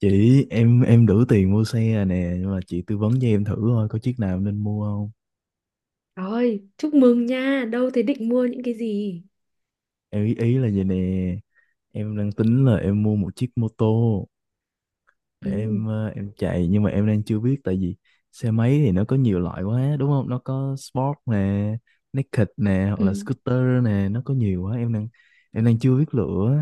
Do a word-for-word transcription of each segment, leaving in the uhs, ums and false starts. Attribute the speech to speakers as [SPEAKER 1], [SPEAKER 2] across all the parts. [SPEAKER 1] Chị, em em đủ tiền mua xe rồi nè, nhưng mà chị tư vấn cho em thử thôi, có chiếc nào nên mua không?
[SPEAKER 2] Rồi, chúc mừng nha. Đâu thế định mua những cái gì?
[SPEAKER 1] Em ý ý là vậy nè. Em đang tính là em mua một chiếc mô tô để
[SPEAKER 2] Ừ,
[SPEAKER 1] em ờ, em chạy, nhưng mà em đang chưa biết, tại vì xe máy thì nó có nhiều loại quá đúng không, nó có sport nè, naked nè, hoặc là
[SPEAKER 2] ừ.
[SPEAKER 1] scooter nè, nó có nhiều quá, em đang em đang chưa biết lựa.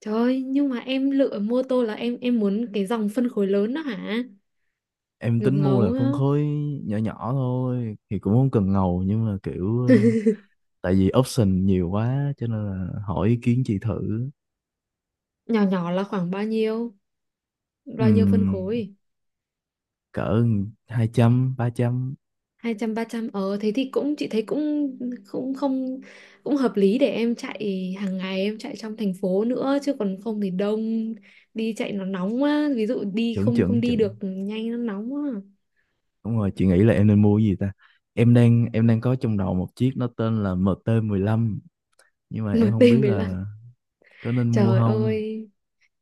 [SPEAKER 2] Trời ơi, nhưng mà em lựa mô tô là em em muốn cái dòng phân khối lớn đó hả?
[SPEAKER 1] Em
[SPEAKER 2] Ngập
[SPEAKER 1] tính mua
[SPEAKER 2] ngấu
[SPEAKER 1] là
[SPEAKER 2] á.
[SPEAKER 1] phân khối nhỏ nhỏ thôi, thì cũng không cần ngầu, nhưng mà kiểu ờ, tại vì option nhiều quá cho nên là hỏi ý kiến chị thử.
[SPEAKER 2] Nhỏ nhỏ là khoảng bao nhiêu? Bao nhiêu phân
[SPEAKER 1] Ừm,
[SPEAKER 2] khối?
[SPEAKER 1] cỡ hai trăm ba trăm.
[SPEAKER 2] Hai trăm ba trăm. Ờ thế thì cũng chị thấy cũng cũng không cũng hợp lý để em chạy hàng ngày, em chạy trong thành phố nữa, chứ còn không thì đông đi chạy nó nóng quá, ví dụ đi
[SPEAKER 1] Chuẩn,
[SPEAKER 2] không không
[SPEAKER 1] chuẩn,
[SPEAKER 2] đi
[SPEAKER 1] chuẩn.
[SPEAKER 2] được nhanh nó nóng quá.
[SPEAKER 1] Đúng rồi, chị nghĩ là em nên mua cái gì ta? Em đang em đang có trong đầu một chiếc, nó tên là em tê mười lăm, nhưng mà em không biết
[SPEAKER 2] em ti mười lăm,
[SPEAKER 1] là có nên mua
[SPEAKER 2] trời
[SPEAKER 1] không.
[SPEAKER 2] ơi.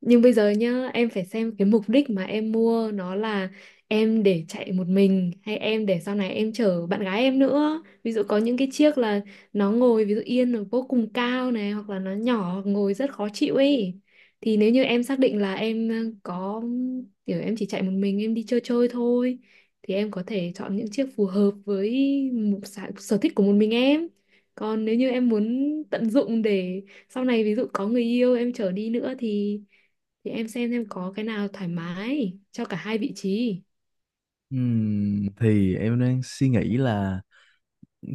[SPEAKER 2] Nhưng bây giờ nhá, em phải xem cái mục đích mà em mua nó là em để chạy một mình hay em để sau này em chở bạn gái em nữa. Ví dụ có những cái chiếc là nó ngồi ví dụ yên nó vô cùng cao này, hoặc là nó nhỏ hoặc ngồi rất khó chịu ấy. Thì nếu như em xác định là em ờ, có kiểu em chỉ chạy một mình em đi chơi chơi thôi thì em có thể chọn những chiếc phù hợp với một sở sở thích của một mình em. Còn nếu như em muốn tận dụng để sau này ví dụ có người yêu em chở đi nữa thì thì em xem em có cái nào thoải mái cho cả hai vị trí.
[SPEAKER 1] Ừm, thì em đang suy nghĩ là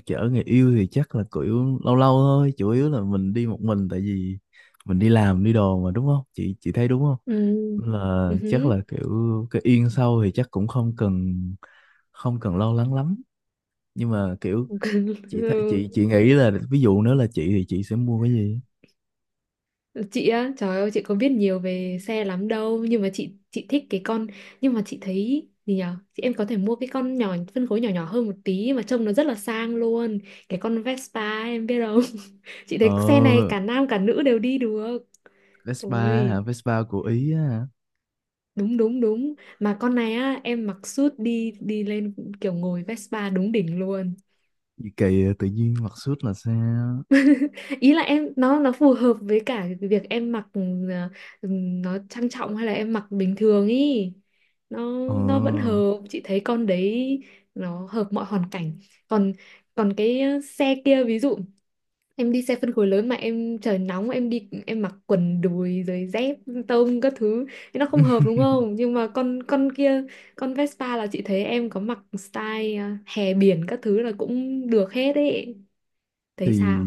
[SPEAKER 1] chở người yêu thì chắc là kiểu lâu lâu thôi, chủ yếu là mình đi một mình, tại vì mình đi làm đi đồ mà đúng không? Chị chị thấy đúng không?
[SPEAKER 2] Ừ.
[SPEAKER 1] Nên là
[SPEAKER 2] Ừ
[SPEAKER 1] chắc
[SPEAKER 2] hứ.
[SPEAKER 1] là kiểu cái yên sau thì chắc cũng không cần không cần lo lắng lắm, nhưng mà kiểu chị thấy- chị chị nghĩ là ví dụ nếu là chị thì chị sẽ mua cái gì.
[SPEAKER 2] Ừ. Chị á, trời ơi, chị có biết nhiều về xe lắm đâu nhưng mà chị chị thích cái con, nhưng mà chị thấy gì nhở, chị em có thể mua cái con nhỏ phân khối nhỏ nhỏ hơn một tí mà trông nó rất là sang luôn, cái con Vespa em biết không. Chị thấy xe này
[SPEAKER 1] Ờ,
[SPEAKER 2] cả nam cả nữ đều đi được.
[SPEAKER 1] Vespa hả?
[SPEAKER 2] Ôi
[SPEAKER 1] Vespa của Ý á hả?
[SPEAKER 2] đúng đúng đúng, mà con này á em mặc suit đi đi lên kiểu ngồi Vespa đúng đỉnh luôn.
[SPEAKER 1] Gì kỳ, tự nhiên mặc suit là sao?
[SPEAKER 2] Ý là em nó nó phù hợp với cả cái việc em mặc, ừ, ừ, nó trang trọng hay là em mặc bình thường ý, nó nó vẫn
[SPEAKER 1] Ờ,
[SPEAKER 2] hợp, chị thấy con đấy nó hợp mọi hoàn cảnh. Còn còn cái ờ, xe kia, ví dụ em đi xe phân khối lớn mà em trời nóng em đi em mặc quần đùi rồi dép tông các thứ thì nó không hợp đúng không, nhưng mà con con kia, con Vespa là chị thấy em có mặc style ờ, hè biển các thứ là cũng được hết ấy, thấy
[SPEAKER 1] thì
[SPEAKER 2] sao.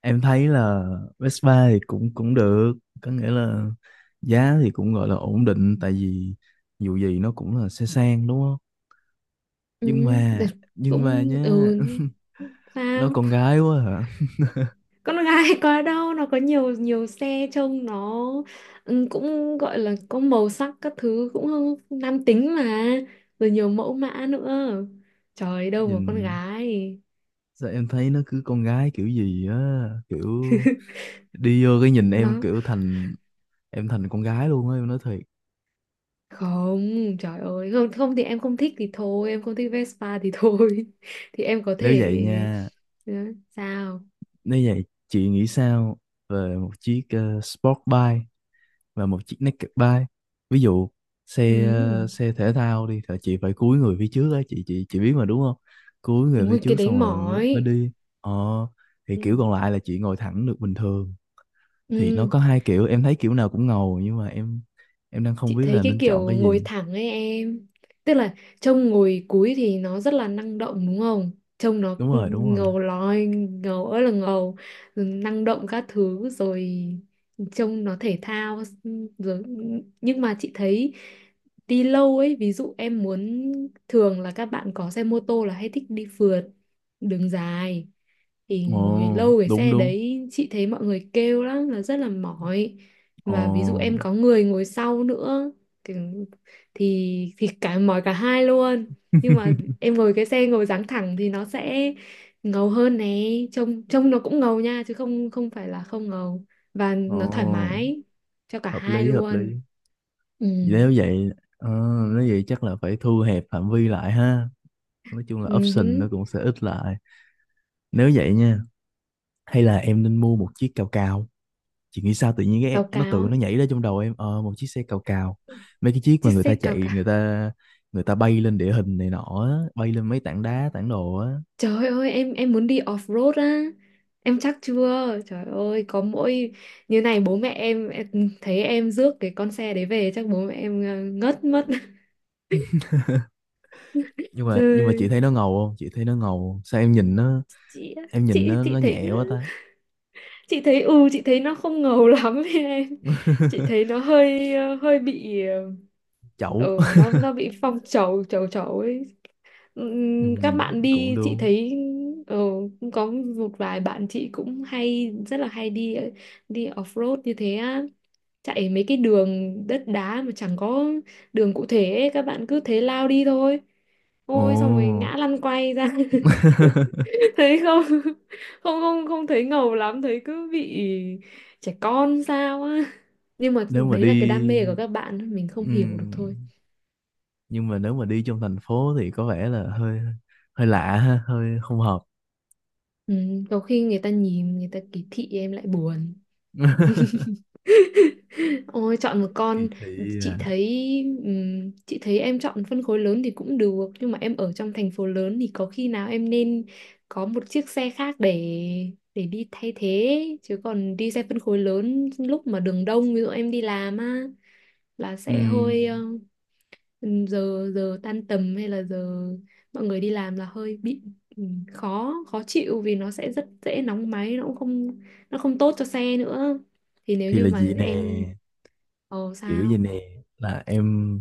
[SPEAKER 1] em thấy là Vespa thì cũng cũng được, có nghĩa là giá thì cũng gọi là ổn định, tại vì dù gì nó cũng là xe sang đúng không,
[SPEAKER 2] Ừ,
[SPEAKER 1] nhưng
[SPEAKER 2] được,
[SPEAKER 1] mà, nhưng mà
[SPEAKER 2] cũng
[SPEAKER 1] nhá
[SPEAKER 2] ừ,
[SPEAKER 1] Nó con
[SPEAKER 2] sao
[SPEAKER 1] gái quá hả?
[SPEAKER 2] con gái. Có đâu, nó có nhiều nhiều xe trông nó ừ, cũng gọi là có màu sắc các thứ cũng nam tính mà, rồi nhiều mẫu mã nữa, trời đâu mà con
[SPEAKER 1] Nhìn
[SPEAKER 2] gái.
[SPEAKER 1] sao em thấy nó cứ con gái kiểu gì á, kiểu đi vô cái nhìn em
[SPEAKER 2] Nó
[SPEAKER 1] kiểu thành em thành con gái luôn á, em nói thiệt.
[SPEAKER 2] không, trời ơi không không, thì em không thích thì thôi, em không thích Vespa thì thôi. Thì em có
[SPEAKER 1] Nếu
[SPEAKER 2] thể.
[SPEAKER 1] vậy nha,
[SPEAKER 2] Ừ, sao.
[SPEAKER 1] nếu vậy chị nghĩ sao về một chiếc ờ, sport bike và một chiếc naked bike? Ví dụ
[SPEAKER 2] Ừ.
[SPEAKER 1] xe ờ, xe thể thao đi thì chị phải cúi người phía trước á, chị chị chị biết mà đúng không? Cúi người phía
[SPEAKER 2] Ui cái
[SPEAKER 1] trước
[SPEAKER 2] đấy
[SPEAKER 1] xong rồi mới mới
[SPEAKER 2] mỏi.
[SPEAKER 1] đi. Ờ, thì
[SPEAKER 2] Ừ.
[SPEAKER 1] kiểu còn lại là chị ngồi thẳng được bình thường, thì nó
[SPEAKER 2] Ừ.
[SPEAKER 1] có hai kiểu, em thấy kiểu nào cũng ngầu, nhưng mà em em đang không
[SPEAKER 2] Chị
[SPEAKER 1] biết
[SPEAKER 2] thấy
[SPEAKER 1] là
[SPEAKER 2] cái
[SPEAKER 1] nên chọn
[SPEAKER 2] kiểu
[SPEAKER 1] cái
[SPEAKER 2] ngồi
[SPEAKER 1] gì.
[SPEAKER 2] thẳng ấy em. Tức là trông ngồi cúi thì nó rất là năng động đúng không? Trông nó
[SPEAKER 1] Đúng rồi, đúng rồi.
[SPEAKER 2] ngầu lòi, ngầu ơi là ngầu, rồi năng động các thứ, rồi trông nó thể thao, rồi. Nhưng mà chị thấy đi lâu ấy. Ví dụ em muốn, thường là các bạn có xe mô tô là hay thích đi phượt đường dài, thì ngồi
[SPEAKER 1] Ồ,
[SPEAKER 2] lâu cái
[SPEAKER 1] đúng,
[SPEAKER 2] xe
[SPEAKER 1] đúng.
[SPEAKER 2] đấy chị thấy mọi người kêu lắm là rất là mỏi.
[SPEAKER 1] Ồ.
[SPEAKER 2] Mà ví dụ em có người ngồi sau nữa thì thì, thì cả mỏi cả hai luôn. Nhưng mà em ngồi cái xe ngồi dáng thẳng thì nó sẽ ngầu hơn nè, trông trông nó cũng ngầu nha chứ không không phải là không ngầu, và nó thoải
[SPEAKER 1] Ồ,
[SPEAKER 2] mái cho cả
[SPEAKER 1] hợp
[SPEAKER 2] hai
[SPEAKER 1] lý hợp
[SPEAKER 2] luôn.
[SPEAKER 1] lý.
[SPEAKER 2] Ừ.
[SPEAKER 1] Nếu vậy, ờ, nếu vậy chắc là phải thu hẹp phạm vi lại ha. Nói chung là option
[SPEAKER 2] Uh.
[SPEAKER 1] nó cũng sẽ ít lại. Nếu vậy nha, hay là em nên mua một chiếc cào cào. Chị nghĩ sao, tự nhiên
[SPEAKER 2] Báo
[SPEAKER 1] cái nó
[SPEAKER 2] cáo
[SPEAKER 1] tự
[SPEAKER 2] á.
[SPEAKER 1] nó nhảy ra trong đầu em ờ một chiếc xe cào cào. Mấy cái chiếc
[SPEAKER 2] Chiếc
[SPEAKER 1] mà người
[SPEAKER 2] xe
[SPEAKER 1] ta
[SPEAKER 2] cao
[SPEAKER 1] chạy, người
[SPEAKER 2] cả.
[SPEAKER 1] ta người ta bay lên địa hình này nọ, á, bay lên mấy tảng đá, tảng đồ á.
[SPEAKER 2] Trời ơi em em muốn đi off-road á. Em chắc chưa, trời ơi, có mỗi như này bố mẹ em, em thấy em rước cái con xe đấy về chắc bố mẹ em ờ, ngất mất.
[SPEAKER 1] Nhưng mà nhưng mà chị
[SPEAKER 2] Trời
[SPEAKER 1] thấy nó ngầu không? Chị thấy nó ngầu không? Sao em nhìn nó,
[SPEAKER 2] chị á,
[SPEAKER 1] em nhìn
[SPEAKER 2] chị
[SPEAKER 1] nó nó
[SPEAKER 2] chị thấy
[SPEAKER 1] nhẹ quá ta.
[SPEAKER 2] chị thấy ừ chị thấy nó không ngầu lắm ấy em. Chị thấy nó hơi ờ, hơi bị ờ,
[SPEAKER 1] Chậu.
[SPEAKER 2] ừ, nó nó bị phong trầu trầu trầu ấy.
[SPEAKER 1] Ừ,
[SPEAKER 2] Ừm, các bạn
[SPEAKER 1] cũng
[SPEAKER 2] đi
[SPEAKER 1] được.
[SPEAKER 2] chị thấy ờ, cũng có một vài bạn chị cũng hay rất là hay đi đi off-road như thế á, chạy mấy cái đường đất đá mà chẳng có đường cụ thể ấy. Các bạn cứ thế lao đi thôi,
[SPEAKER 1] Ồ,
[SPEAKER 2] ôi xong rồi ngã lăn quay ra. Thấy không, không không không thấy ngầu lắm, thấy cứ bị trẻ con sao á, nhưng mà
[SPEAKER 1] nếu mà
[SPEAKER 2] đấy là cái
[SPEAKER 1] đi,
[SPEAKER 2] đam mê của các bạn mình không hiểu được
[SPEAKER 1] ừm,
[SPEAKER 2] thôi.
[SPEAKER 1] nhưng mà nếu mà đi trong thành phố thì có vẻ là hơi hơi lạ ha, hơi không hợp.
[SPEAKER 2] Ừ, có khi người ta nhìn người ta kỳ thị em lại buồn. Ôi chọn một
[SPEAKER 1] Kỳ
[SPEAKER 2] con,
[SPEAKER 1] thị
[SPEAKER 2] chị
[SPEAKER 1] à.
[SPEAKER 2] thấy ừm, chị thấy em chọn phân khối lớn thì cũng được, nhưng mà em ở trong thành phố lớn thì có khi nào em nên có một chiếc xe khác để để đi thay thế, chứ còn đi xe phân khối lớn lúc mà đường đông ví dụ em đi làm á là sẽ hơi ờ,
[SPEAKER 1] Ừm,
[SPEAKER 2] giờ giờ tan tầm hay là giờ mọi người đi làm là hơi bị ừm, khó khó chịu vì nó sẽ rất dễ nóng máy, nó cũng không, nó không tốt cho xe nữa. Thì nếu
[SPEAKER 1] thì
[SPEAKER 2] như
[SPEAKER 1] là
[SPEAKER 2] mà
[SPEAKER 1] gì
[SPEAKER 2] em.
[SPEAKER 1] nè,
[SPEAKER 2] Ồ
[SPEAKER 1] kiểu gì
[SPEAKER 2] sao?
[SPEAKER 1] nè, là em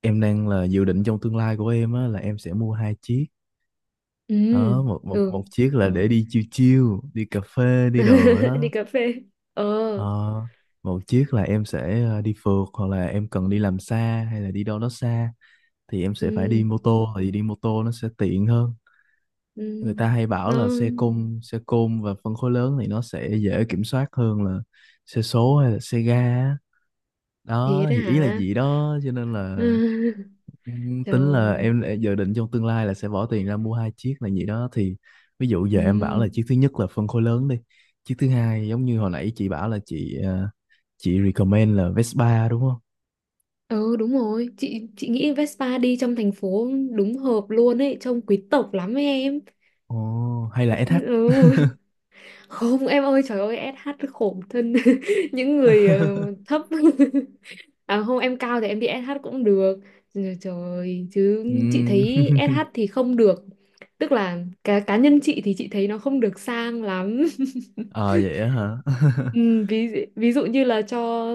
[SPEAKER 1] em đang là dự định trong tương lai của em á là em sẽ mua hai chiếc.
[SPEAKER 2] Ừ,
[SPEAKER 1] Đó, một một
[SPEAKER 2] ừ.
[SPEAKER 1] một chiếc là để đi chill chill, đi cà phê, đi đồ
[SPEAKER 2] Đi
[SPEAKER 1] đó.
[SPEAKER 2] cà phê. Ờ,
[SPEAKER 1] Ờ, một chiếc là em sẽ ờ, đi phượt, hoặc là em cần đi làm xa hay là đi đâu đó xa, thì em sẽ phải đi
[SPEAKER 2] ừ,
[SPEAKER 1] mô tô, thì đi mô tô nó sẽ tiện hơn. Người
[SPEAKER 2] ừ.
[SPEAKER 1] ta hay bảo
[SPEAKER 2] Nó
[SPEAKER 1] là xe côn xe côn và phân khối lớn thì nó sẽ dễ kiểm soát hơn là xe số hay là xe ga á.
[SPEAKER 2] thiệt
[SPEAKER 1] Đó
[SPEAKER 2] đó
[SPEAKER 1] thì ý là
[SPEAKER 2] hả?
[SPEAKER 1] gì đó, cho nên là ừm, tính là
[SPEAKER 2] Trời.
[SPEAKER 1] em đã dự định trong tương lai là sẽ bỏ tiền ra mua hai chiếc là gì đó, thì ví dụ giờ em bảo là
[SPEAKER 2] Ừ.
[SPEAKER 1] chiếc thứ nhất là phân khối lớn đi, chiếc thứ hai giống như hồi nãy chị bảo là chị ờ, chị recommend là Vespa đúng không.
[SPEAKER 2] Ừ đúng rồi, chị chị nghĩ Vespa đi trong thành phố đúng hợp luôn ấy, trông quý tộc lắm ấy em.
[SPEAKER 1] Ồ, hay là ét hát?
[SPEAKER 2] Ừ. Không em ơi trời ơi, ét hát khổ thân. Những người ờ, thấp. À không em cao thì em đi ét hát cũng được. Rồi, trời ơi, chứ chị
[SPEAKER 1] Ừm.
[SPEAKER 2] thấy ét hát thì không được, tức là cá cá nhân chị thì chị thấy nó không được sang lắm.
[SPEAKER 1] Ờ vậy á hả?
[SPEAKER 2] Ừ, ví ví dụ như là cho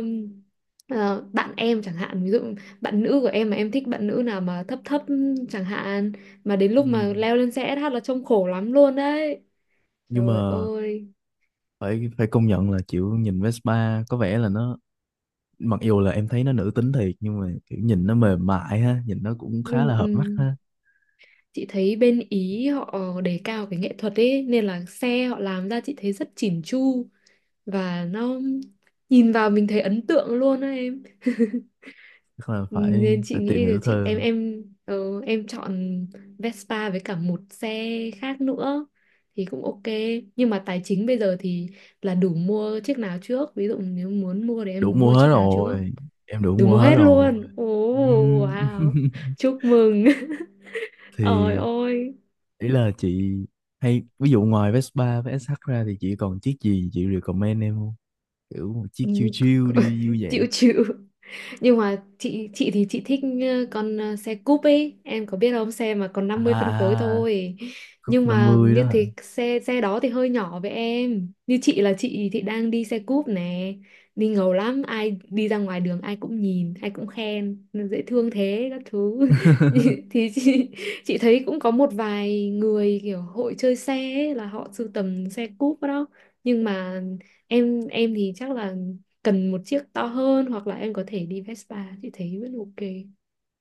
[SPEAKER 2] ờ, bạn em chẳng hạn, ví dụ bạn nữ của em mà em thích bạn nữ nào mà thấp thấp chẳng hạn, mà đến
[SPEAKER 1] Ừ.
[SPEAKER 2] lúc mà leo lên xe ét hát là trông khổ lắm luôn đấy,
[SPEAKER 1] Nhưng
[SPEAKER 2] trời
[SPEAKER 1] mà
[SPEAKER 2] ơi.
[SPEAKER 1] phải phải công nhận là kiểu nhìn Vespa có vẻ là nó, mặc dù là em thấy nó nữ tính thiệt nhưng mà kiểu nhìn nó mềm mại ha, nhìn nó cũng khá
[SPEAKER 2] Ừm,
[SPEAKER 1] là hợp mắt
[SPEAKER 2] ừm.
[SPEAKER 1] ha.
[SPEAKER 2] Chị thấy bên Ý họ đề cao cái nghệ thuật ấy nên là xe họ làm ra chị thấy rất chỉn chu, và nó nhìn vào mình thấy ấn tượng luôn á em.
[SPEAKER 1] Chắc là phải
[SPEAKER 2] Nên chị
[SPEAKER 1] phải tìm
[SPEAKER 2] nghĩ là
[SPEAKER 1] hiểu
[SPEAKER 2] chị em
[SPEAKER 1] thêm.
[SPEAKER 2] em ờ, em chọn Vespa với cả một xe khác nữa thì cũng ok, nhưng mà tài chính bây giờ thì là đủ mua chiếc nào trước, ví dụ nếu muốn mua thì em
[SPEAKER 1] Đủ
[SPEAKER 2] muốn mua
[SPEAKER 1] mua hết
[SPEAKER 2] chiếc nào trước.
[SPEAKER 1] rồi. Em đủ
[SPEAKER 2] Đủ
[SPEAKER 1] mua
[SPEAKER 2] mua
[SPEAKER 1] hết
[SPEAKER 2] hết
[SPEAKER 1] rồi.
[SPEAKER 2] luôn ồ,
[SPEAKER 1] Ừm.
[SPEAKER 2] wow, chúc mừng. Ôi
[SPEAKER 1] Thì
[SPEAKER 2] ôi.
[SPEAKER 1] ý là chị, hay ví dụ ngoài Vespa với ét hát ra thì chị còn chiếc gì chị recommend em không? Kiểu một chiếc
[SPEAKER 2] Ừ,
[SPEAKER 1] chill
[SPEAKER 2] c-
[SPEAKER 1] chill
[SPEAKER 2] c-
[SPEAKER 1] đi vui vẻ.
[SPEAKER 2] chịu chịu, nhưng mà chị chị thì chị thích ờ, con ờ, xe cúp ấy em có biết không, xe mà còn
[SPEAKER 1] À,
[SPEAKER 2] năm mươi phân khối
[SPEAKER 1] à,
[SPEAKER 2] thôi.
[SPEAKER 1] cúp
[SPEAKER 2] Nhưng mà
[SPEAKER 1] năm mươi
[SPEAKER 2] như
[SPEAKER 1] đó.
[SPEAKER 2] thế xe xe đó thì hơi nhỏ với em, như chị là chị thì đang đi xe cúp nè, đi ngầu lắm ai đi ra ngoài đường ai cũng nhìn ai cũng khen "Nó dễ thương thế" các thứ. Thì chị chị thấy cũng có một vài người kiểu hội chơi xe ấy, là họ sưu tầm xe cúp đó, nhưng mà em em thì chắc là cần một chiếc to hơn, hoặc là em có thể đi Vespa chị thấy vẫn ok.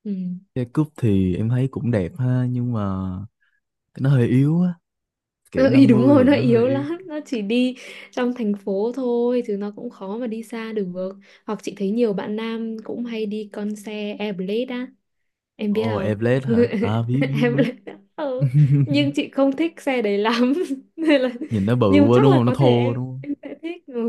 [SPEAKER 2] Ừ.
[SPEAKER 1] Cái cúp thì em thấy cũng đẹp ha, nhưng mà nó hơi yếu á, kiểu
[SPEAKER 2] Ừ,
[SPEAKER 1] năm
[SPEAKER 2] đúng
[SPEAKER 1] mươi
[SPEAKER 2] rồi
[SPEAKER 1] thì
[SPEAKER 2] nó
[SPEAKER 1] nó hơi
[SPEAKER 2] yếu
[SPEAKER 1] yếu.
[SPEAKER 2] lắm, nó chỉ đi trong thành phố thôi chứ nó cũng khó mà đi xa được. Hoặc chị thấy nhiều bạn nam cũng hay đi con xe Airblade á em biết
[SPEAKER 1] Ồ, oh,
[SPEAKER 2] không.
[SPEAKER 1] Airblade hả? À, biết, biết, biết.
[SPEAKER 2] Airblade á ừ. Nhưng chị không thích xe đấy lắm nên là,
[SPEAKER 1] Nhìn nó bự
[SPEAKER 2] nhưng
[SPEAKER 1] quá
[SPEAKER 2] chắc
[SPEAKER 1] đúng
[SPEAKER 2] là
[SPEAKER 1] không, nó
[SPEAKER 2] có thể
[SPEAKER 1] thô
[SPEAKER 2] em
[SPEAKER 1] đúng không?
[SPEAKER 2] em sẽ thích, ừ,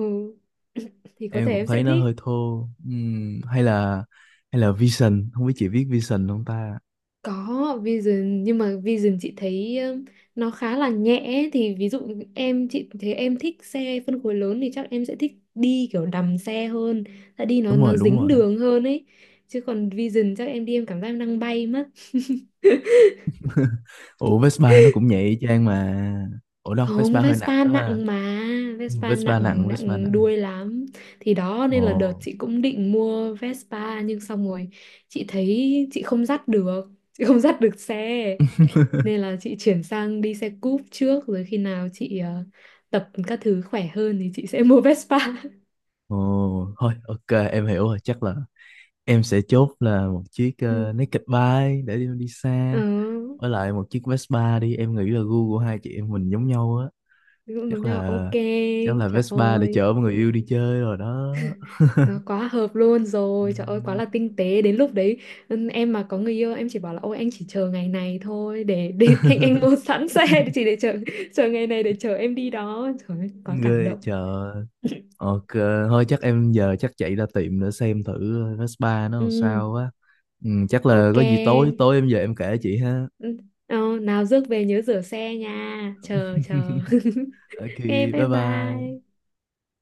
[SPEAKER 2] thì có
[SPEAKER 1] Em
[SPEAKER 2] thể
[SPEAKER 1] cũng
[SPEAKER 2] em sẽ
[SPEAKER 1] thấy nó
[SPEAKER 2] thích.
[SPEAKER 1] hơi thô. Ừm, hay là hay là Vision, không biết chị biết Vision không ta.
[SPEAKER 2] Có Vision nhưng mà Vision chị thấy um, nó khá là nhẹ ấy. Thì ví dụ em chị thấy em thích xe phân khối lớn thì chắc em sẽ thích đi kiểu đầm xe hơn, tại đi nó
[SPEAKER 1] Đúng rồi,
[SPEAKER 2] nó
[SPEAKER 1] đúng
[SPEAKER 2] dính
[SPEAKER 1] rồi.
[SPEAKER 2] đường hơn ấy. Chứ còn Vision chắc em đi em cảm giác em đang bay mất.
[SPEAKER 1] Ủa Vespa nó cũng nhẹ y chang mà. Ủa đâu, Vespa
[SPEAKER 2] Không,
[SPEAKER 1] hơi nặng
[SPEAKER 2] Vespa
[SPEAKER 1] đó ha.
[SPEAKER 2] nặng mà,
[SPEAKER 1] Ừm,
[SPEAKER 2] Vespa
[SPEAKER 1] Vespa nặng,
[SPEAKER 2] nặng
[SPEAKER 1] Vespa
[SPEAKER 2] nặng
[SPEAKER 1] nặng.
[SPEAKER 2] đuôi lắm. Thì đó
[SPEAKER 1] Ồ.
[SPEAKER 2] nên là đợt chị cũng định mua Vespa nhưng xong rồi chị thấy chị không dắt được, chị không dắt được xe. Nên là chị chuyển sang đi xe cúp trước rồi khi nào chị ờ, tập các thứ khỏe hơn thì chị sẽ mua Vespa.
[SPEAKER 1] Ồ, thôi ok em hiểu rồi, chắc là em sẽ chốt là một chiếc uh,
[SPEAKER 2] Ừ.
[SPEAKER 1] naked bike để đi, đi,
[SPEAKER 2] Ờ,
[SPEAKER 1] xa, với lại một chiếc Vespa. Đi em nghĩ là gu của hai chị em mình giống nhau á,
[SPEAKER 2] cũng giống
[SPEAKER 1] chắc
[SPEAKER 2] nhau.
[SPEAKER 1] là,
[SPEAKER 2] Ok.
[SPEAKER 1] chắc là
[SPEAKER 2] Trời
[SPEAKER 1] Vespa để
[SPEAKER 2] ơi.
[SPEAKER 1] chở người yêu đi chơi rồi đó.
[SPEAKER 2] Nó quá hợp luôn rồi, trời ơi quá
[SPEAKER 1] Ừm.
[SPEAKER 2] là tinh tế. Đến lúc đấy ừ, em mà có người yêu em chỉ bảo là ôi anh chỉ chờ ngày này thôi, Để, để anh anh mua sẵn xe để chỉ để chờ chờ ngày này để chờ em đi đó, trời ơi quá cảm
[SPEAKER 1] Ghê
[SPEAKER 2] động.
[SPEAKER 1] chợ. Ok, thôi chắc em giờ chắc chạy ra tiệm để xem thử Vespa nó làm
[SPEAKER 2] Ừ
[SPEAKER 1] sao á. Ừm, chắc là
[SPEAKER 2] ok.
[SPEAKER 1] có gì tối tối em về em kể chị ha.
[SPEAKER 2] Ừ, ờ, nào rước về nhớ rửa xe nha. Chờ chờ.
[SPEAKER 1] Ok,
[SPEAKER 2] Ok
[SPEAKER 1] bye
[SPEAKER 2] bye
[SPEAKER 1] bye.
[SPEAKER 2] bye.